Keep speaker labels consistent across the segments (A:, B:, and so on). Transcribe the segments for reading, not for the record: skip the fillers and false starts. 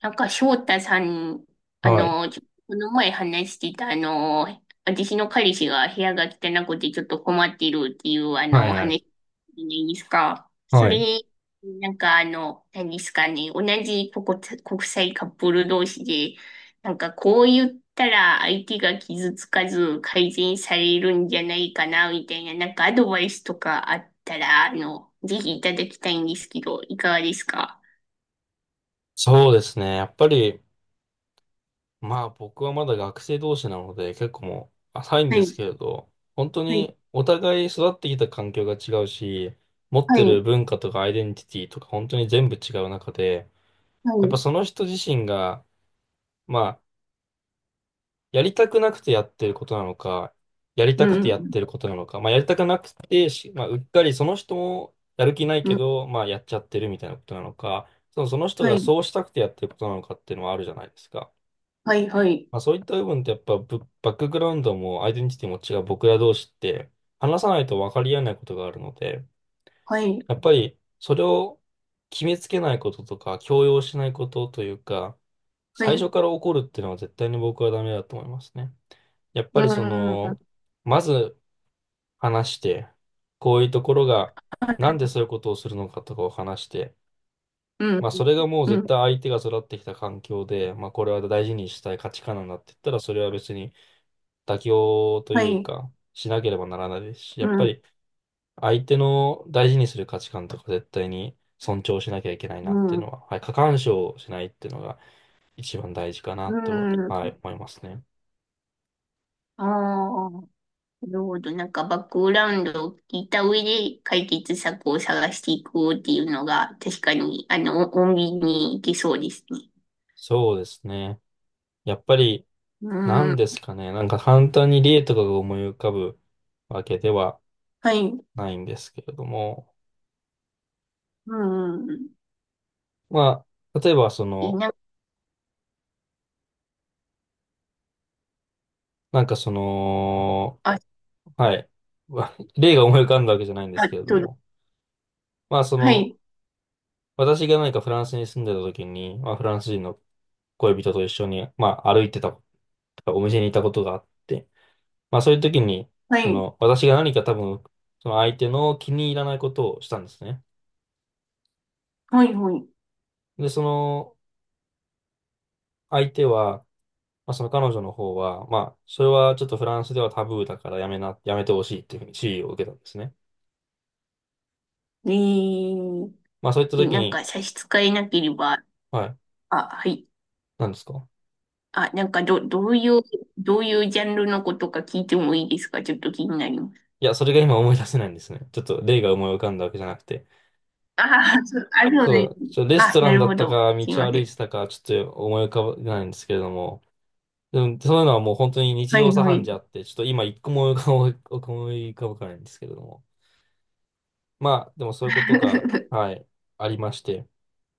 A: なんか翔太さん、あ
B: はい。
A: の、ちょこの前話してた、私の彼氏が部屋が汚くてちょっと困っているっていう、
B: は
A: お
B: いはい。
A: 話じゃないですか。そ
B: はい。
A: れ、なんか何ですかね、同じ国際カップル同士で、なんかこう言ったら相手が傷つかず改善されるんじゃないかな、みたいな、なんかアドバイスとかあったら、ぜひいただきたいんですけど、いかがですか？
B: そうですね。やっぱり、僕はまだ学生同士なので結構もう浅いん
A: は
B: です
A: い。
B: けれど、本当
A: はい。
B: にお互い育ってきた環境が違うし、持っ
A: は
B: てる
A: い。
B: 文化とかアイデンティティとか本当に全部違う中で、
A: は
B: やっぱ
A: い。
B: その人自身が、まあやりたくなくてやってることなのか、やりた
A: うん、
B: くて
A: う
B: やっ
A: ん、
B: てることなのか、まあ、やりたくなくてし、まあ、うっかりその人もやる気ない
A: う
B: け
A: ん、
B: ど、やっちゃってるみたいなことなのか、その人
A: は
B: が
A: い、
B: そうしたくてやってることなのかっていうのはあるじゃないですか。
A: はい、はい、
B: まあ、そういった部分ってやっぱバックグラウンドもアイデンティティも違う僕ら同士って話さないと分かり合えないことがあるので、
A: はい、
B: やっぱりそれを決めつけないこととか強要しないことというか、
A: は
B: 最初
A: い、
B: から怒るっていうのは絶対に僕はダメだと思いますね。やっぱ
A: う
B: りそ
A: ん、
B: の、まず話して、こういうところが、なんでそういうことをするのかとかを話して、
A: うん、
B: それがもう
A: う
B: 絶
A: ん、
B: 対相手が育ってきた環境で、これは大事にしたい価値観なんだって言ったら、それは別に妥協と
A: は
B: いう
A: い、
B: か、しなければならないですし、や
A: う
B: っぱ
A: ん、
B: り相手の大事にする価値観とか絶対に尊重しなきゃいけない
A: う
B: なっていうの
A: ん、
B: は、はい、過干渉しないっていうのが一番大事かな
A: う
B: とは、は
A: ん、
B: い、思いますね。
A: ああ、なるほど。なんかバックグラウンドを聞いた上で解決策を探していこうっていうのが、確かに、穏便にいけそうですね。
B: そうですね。やっぱり、
A: う
B: なん
A: ん、
B: ですかね。なんか簡単に例とかが思い浮かぶわけでは
A: はい、
B: ないんですけれども。
A: うん、
B: まあ、例えばそ
A: いい
B: の、
A: な、
B: なんかその、
A: あ、
B: はい。例が思い浮かんだわけじゃないんです
A: あ、
B: けれど
A: どう、
B: も。まあそ
A: は
B: の、
A: い、
B: 私が何かフランスに住んでた時に、まあフランス人の恋人と一緒に、まあ歩いてた、お店にいたことがあって、まあそういう時に、
A: はい、
B: 私が何か多分、その相手の気に入らないことをしたんですね。
A: はい、はい。
B: で、相手は、まあ、その彼女の方は、まあ、それはちょっとフランスではタブーだからやめてほしいっていうふうに注意を受けたんですね。
A: えー、
B: まあ、そういった時
A: なん
B: に、
A: か差し支えなければ、
B: はい、
A: あ、はい。
B: 何ですか
A: あ、なんかどういうジャンルのことか聞いてもいいですか？ちょっと気になります。
B: いや、それが今思い出せないんですね。ちょっと例が思い浮かんだわけじゃなくて。
A: ああ、そう、あ、るうね。
B: レス
A: あ、
B: トラ
A: な
B: ン
A: る
B: だっ
A: ほ
B: た
A: ど。
B: か、
A: すい
B: 道
A: ま
B: を歩
A: せ
B: い
A: ん。
B: てたか、ちょっと思い浮かばないんですけれども、でも、そういうのはもう本当に日
A: は
B: 常
A: い、
B: 茶
A: は
B: 飯
A: い。
B: 事あって、ちょっと今一個も思い浮かば思い浮かばないんですけれども。まあ、でもそういうことが、はい、ありまして。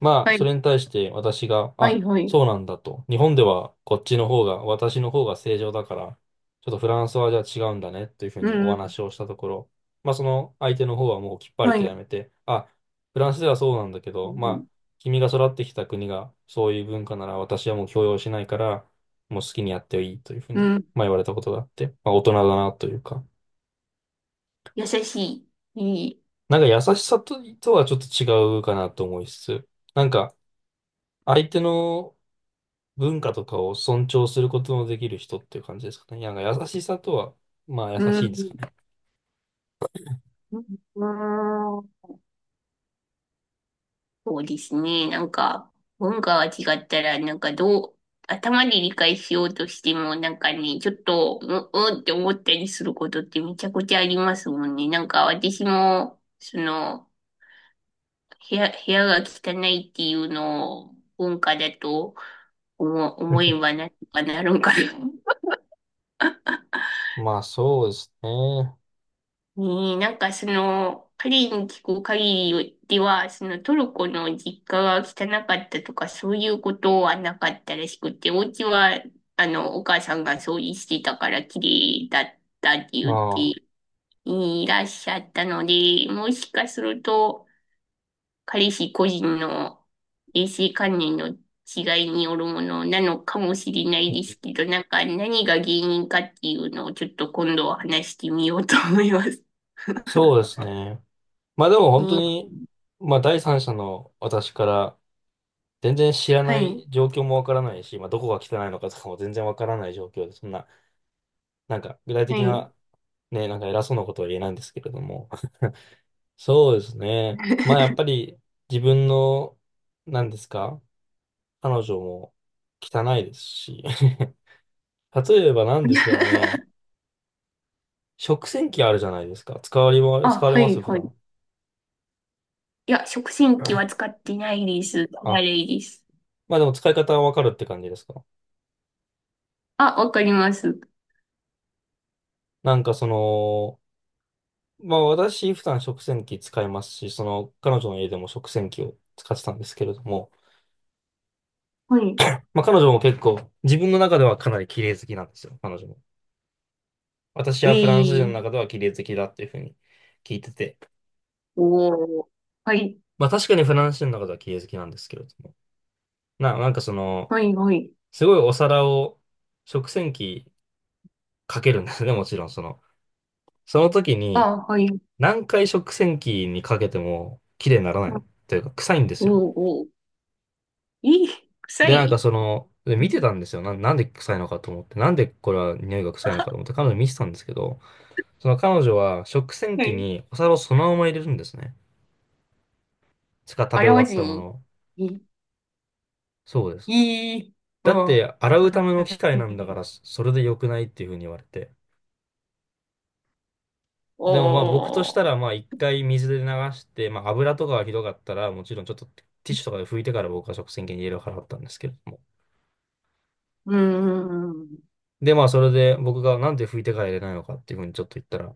B: まあ、
A: は
B: そ
A: い、
B: れに対して私が、
A: はい、
B: あ、
A: はい。
B: そうなんだと。日本ではこっちの方が、私の方が正常だから、ちょっとフランスはじゃあ違うんだねというふう
A: う
B: にお
A: ん、うん、
B: 話をしたところ、まあ、その相手の方はもうきっぱり
A: は
B: と
A: い。
B: やめて、あ、フランスではそうなんだけ
A: う
B: ど、ま
A: ん、
B: あ、君が育ってきた国がそういう文化なら私はもう強要しないから、もう好きにやっていいというふう
A: う
B: に、
A: ん、
B: まあ、言われたことがあって、まあ、大人だなというか、
A: 優しい。いい。
B: なんか優しさとはちょっと違うかなと思いつつ、なんか、相手の文化とかを尊重することのできる人っていう感じですかね。なんか優しさとは、まあ優
A: う
B: しいんですか
A: ん、
B: ね。
A: うん、そうですね。なんか、文化が違ったら、なんかどう、頭で理解しようとしても、なんかね、ちょっと、うんって思ったりすることってめちゃくちゃありますもんね。なんか私も、その、部屋が汚いっていうのを文化だと思え ばなんとかなるんかな。
B: まあそうですね。
A: ねえ、なんかその、彼に聞く限りでは、そのトルコの実家が汚かったとか、そういうことはなかったらしくて、お家は、お母さんが掃除してたから綺麗だったって言っ
B: あ
A: て
B: あ、
A: いらっしゃったので、もしかすると、彼氏個人の衛生観念の違いによるものなのかもしれないですけど、なんか何が原因かっていうのをちょっと今度は話してみようと思います。
B: そうですね。まあでも本当に、まあ第三者の私から全然知ら
A: は
B: な
A: い、
B: い状況もわからないし、まあどこが汚いのかとかも全然わからない状況で、そんな、なんか具体
A: は
B: 的
A: い。
B: なね、なんか偉そうなことは言えないんですけれども。そうですね。まあやっぱり自分の、何ですか彼女も汚いですし。例えば何ですかね、食洗機あるじゃないですか。
A: あ、
B: 使われ
A: は
B: ます
A: い、
B: 普
A: はい。
B: 段。
A: いや、食洗機は 使ってないです。あ
B: あ、
A: れです。
B: まあでも使い方はわかるって感じですか。
A: あ、わかります。
B: なんかその、まあ私普段食洗機使いますし、その彼女の家でも食洗機を使ってたんですけれども、
A: はい。
B: まあ彼女も結構自分の中ではかなり綺麗好きなんですよ、彼女も。私
A: え
B: はフランス人の
A: ー、
B: 中では綺麗好きだっていうふうに聞いてて。
A: おー。はい、
B: まあ確かにフランス人の中では綺麗好きなんですけれども。なんかその、
A: はい、はい。
B: すごいお皿を食洗機かけるんですね、もちろんその。その時に
A: あ、はい。
B: 何回食洗機にかけても綺麗になら
A: お
B: ない
A: ー、
B: というか臭いんで
A: お
B: すよ。
A: ー。えー、臭
B: で、なんか
A: い。
B: その、で見て
A: ん、
B: たんですよ。なんで臭いのかと思って、なんでこれは匂いが臭いのかと思って彼女に見てたんですけど、その彼女は食洗
A: は
B: 機
A: い。
B: にお皿をそのまま入れるんですね。しか食べ
A: 洗
B: 終
A: わ
B: わっ
A: ず
B: たもの
A: に。
B: を。
A: えー、
B: そうで
A: え
B: す。
A: ー、
B: だっ
A: おー。
B: て洗うた
A: は
B: めの機械なんだか
A: い。
B: らそれで良くないっていうふうに言われて。でもまあ僕とした
A: お
B: ら
A: ー。
B: まあ一回水で流して、まあ油とかがひどかったらもちろんちょっとティッシュとかで拭いてから僕は食洗機に入れる払ったんですけれども。
A: うーん。
B: でまあそれで僕がなんで拭いてから入れないのかっていうふうにちょっと言ったら、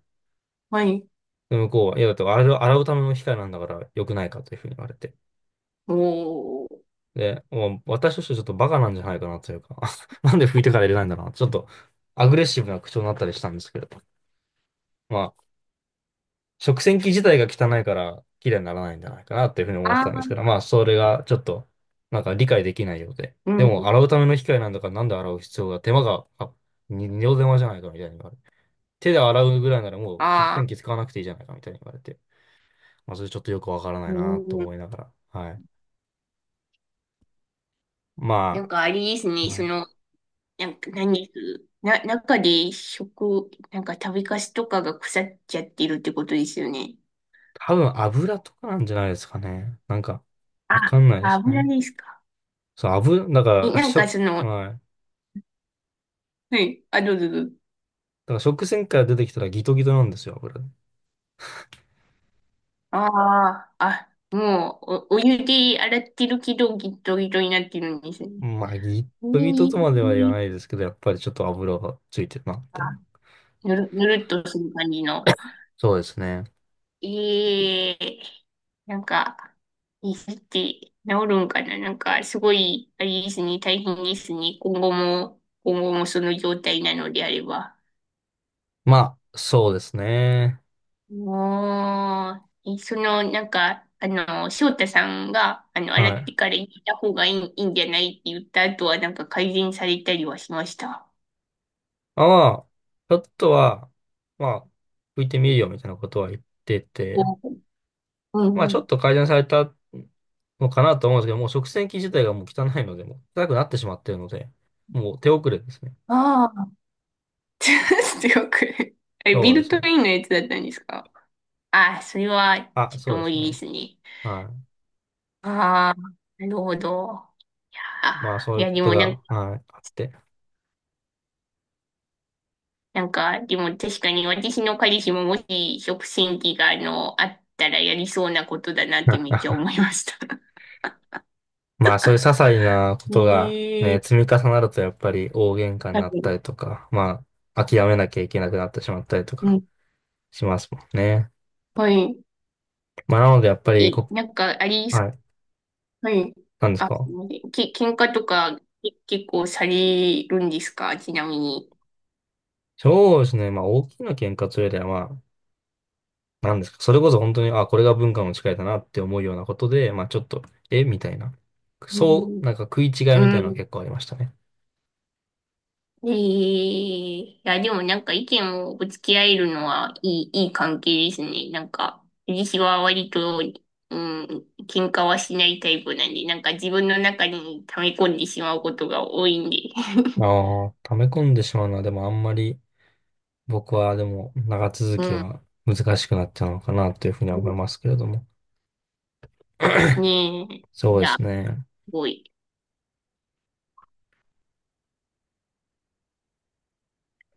A: はい。
B: で向こうは、いやだって洗うための機械なんだから良くないかというふうに言われて。
A: おー。
B: で、もう私としてはちょっとバカなんじゃないかなというか なんで拭いてから入れないんだろうな。ちょっとアグレッシブな口調になったりしたんですけれど。まあ食洗機自体が汚いから綺麗にならないんじゃないかなっていうふうに思ってたんで
A: あ
B: すけど、まあ、それがちょっと、なんか理解できないようで。
A: ー、う
B: で
A: ん。
B: も、洗うための機械なんだから、なんで洗う必要が、手間が、あ、に二度手間じゃないかみたいに言われて。手で洗うぐらいならもう食
A: あー。
B: 洗機使わなくていいじゃないかみたいに言われて。まあ、それちょっとよくわからな
A: う
B: いなと
A: ん、
B: 思いながら。はい。
A: な
B: ま
A: んかあれです
B: あ、
A: ね、そ
B: はい
A: の、なんか何です、な、中で食、なんか食べかすとかが腐っちゃってるってことですよね。
B: 多分油とかなんじゃないですかね。なんか、わかんないで
A: あ、
B: す
A: 油
B: ね。
A: ですか。
B: そう、油、だか
A: え、
B: ら、
A: なん
B: し
A: か
B: ょ、
A: その、
B: はい。だ
A: はい、あ、どうぞどうぞ。
B: から食洗機から出てきたらギトギトなんですよ、油。
A: ああ、あ、もう、お湯で洗ってるけど、ギットギトになってるんですね。
B: まあ、ギッ
A: え
B: トギトとまでは言わ
A: ー、
B: ないですけど、やっぱりちょっと油がついてるな、み
A: あ、
B: たいな。
A: ぬるっとする感じの。
B: そうですね。
A: ええ、なんか、いいって治るんかな、なんか、すごい、あれですね、大変ですね。今後も、今後もその状態なのであれば。
B: まあ、そうですね。
A: もう、え、その、なんか、翔太さんが、洗
B: は
A: っ
B: い。
A: てから行た方がいいんじゃないって言った後は、なんか改善されたりはしました。
B: まあ、ちょっとは、まあ、拭いてみるよ、みたいなことは言ってて、
A: うん。
B: まあ、
A: う
B: ちょっ
A: ん、
B: と改善されたのかなと思うんですけど、もう食洗機自体がもう汚いので、もう汚くなってしまっているので、もう手遅れですね。
A: ああ。強く。あれ、
B: そ
A: ビ
B: うで
A: ル
B: す
A: ト
B: ね。
A: インのやつだったんですか？ああ、それは、
B: あ、
A: ちょっ
B: そう
A: と
B: で
A: 無
B: す
A: 理
B: ね。
A: ですね。
B: は
A: ああ、なるほど。
B: い。まあ、
A: あ
B: そう
A: ー、い
B: いう
A: や、
B: こ
A: で
B: と
A: もなん
B: が、
A: か、
B: はい、あって。
A: なんか、でも確かに私の彼氏ももし食洗機があったらやりそうなことだなってめっちゃ思 いました。
B: まあそういう些細なことがね、積み
A: ええ、
B: 重なるとやっぱり大喧嘩に
A: は
B: なっ
A: い。
B: たりとか、まあ諦めなきゃいけなくなってしまったりと
A: う
B: か
A: ん。
B: しますもんね。
A: はい。
B: まあなのでやっぱり
A: え、
B: こ、
A: なんか、あり、
B: はい、
A: はい。
B: なんです
A: あ、す
B: か
A: みません。喧嘩とか、結構されるんですか？ちなみに。
B: そうですね、まあ大きな喧嘩というよりはなんですかそれこそ本当に、あ、これが文化の違いだなって思うようなことで、まあちょっと、えみたいな。
A: う
B: そ
A: ん。
B: う、なんか食い違いみた
A: う
B: いなのは
A: ん。
B: 結構ありましたね。
A: ええ、いや、でもなんか意見をぶつけ合えるのはいい関係ですね。なんか、私は割と、うん、喧嘩はしないタイプなんで、なんか自分の中に溜め込んでしまうことが多いんで。
B: あ あ、溜め込んでしまうのはでもあんまり、僕はでも長続
A: う
B: き
A: ん。
B: は難しくなっちゃうのかなというふうには思いますけれども。
A: ねえ。い
B: そうで
A: や、
B: すね。
A: すごい。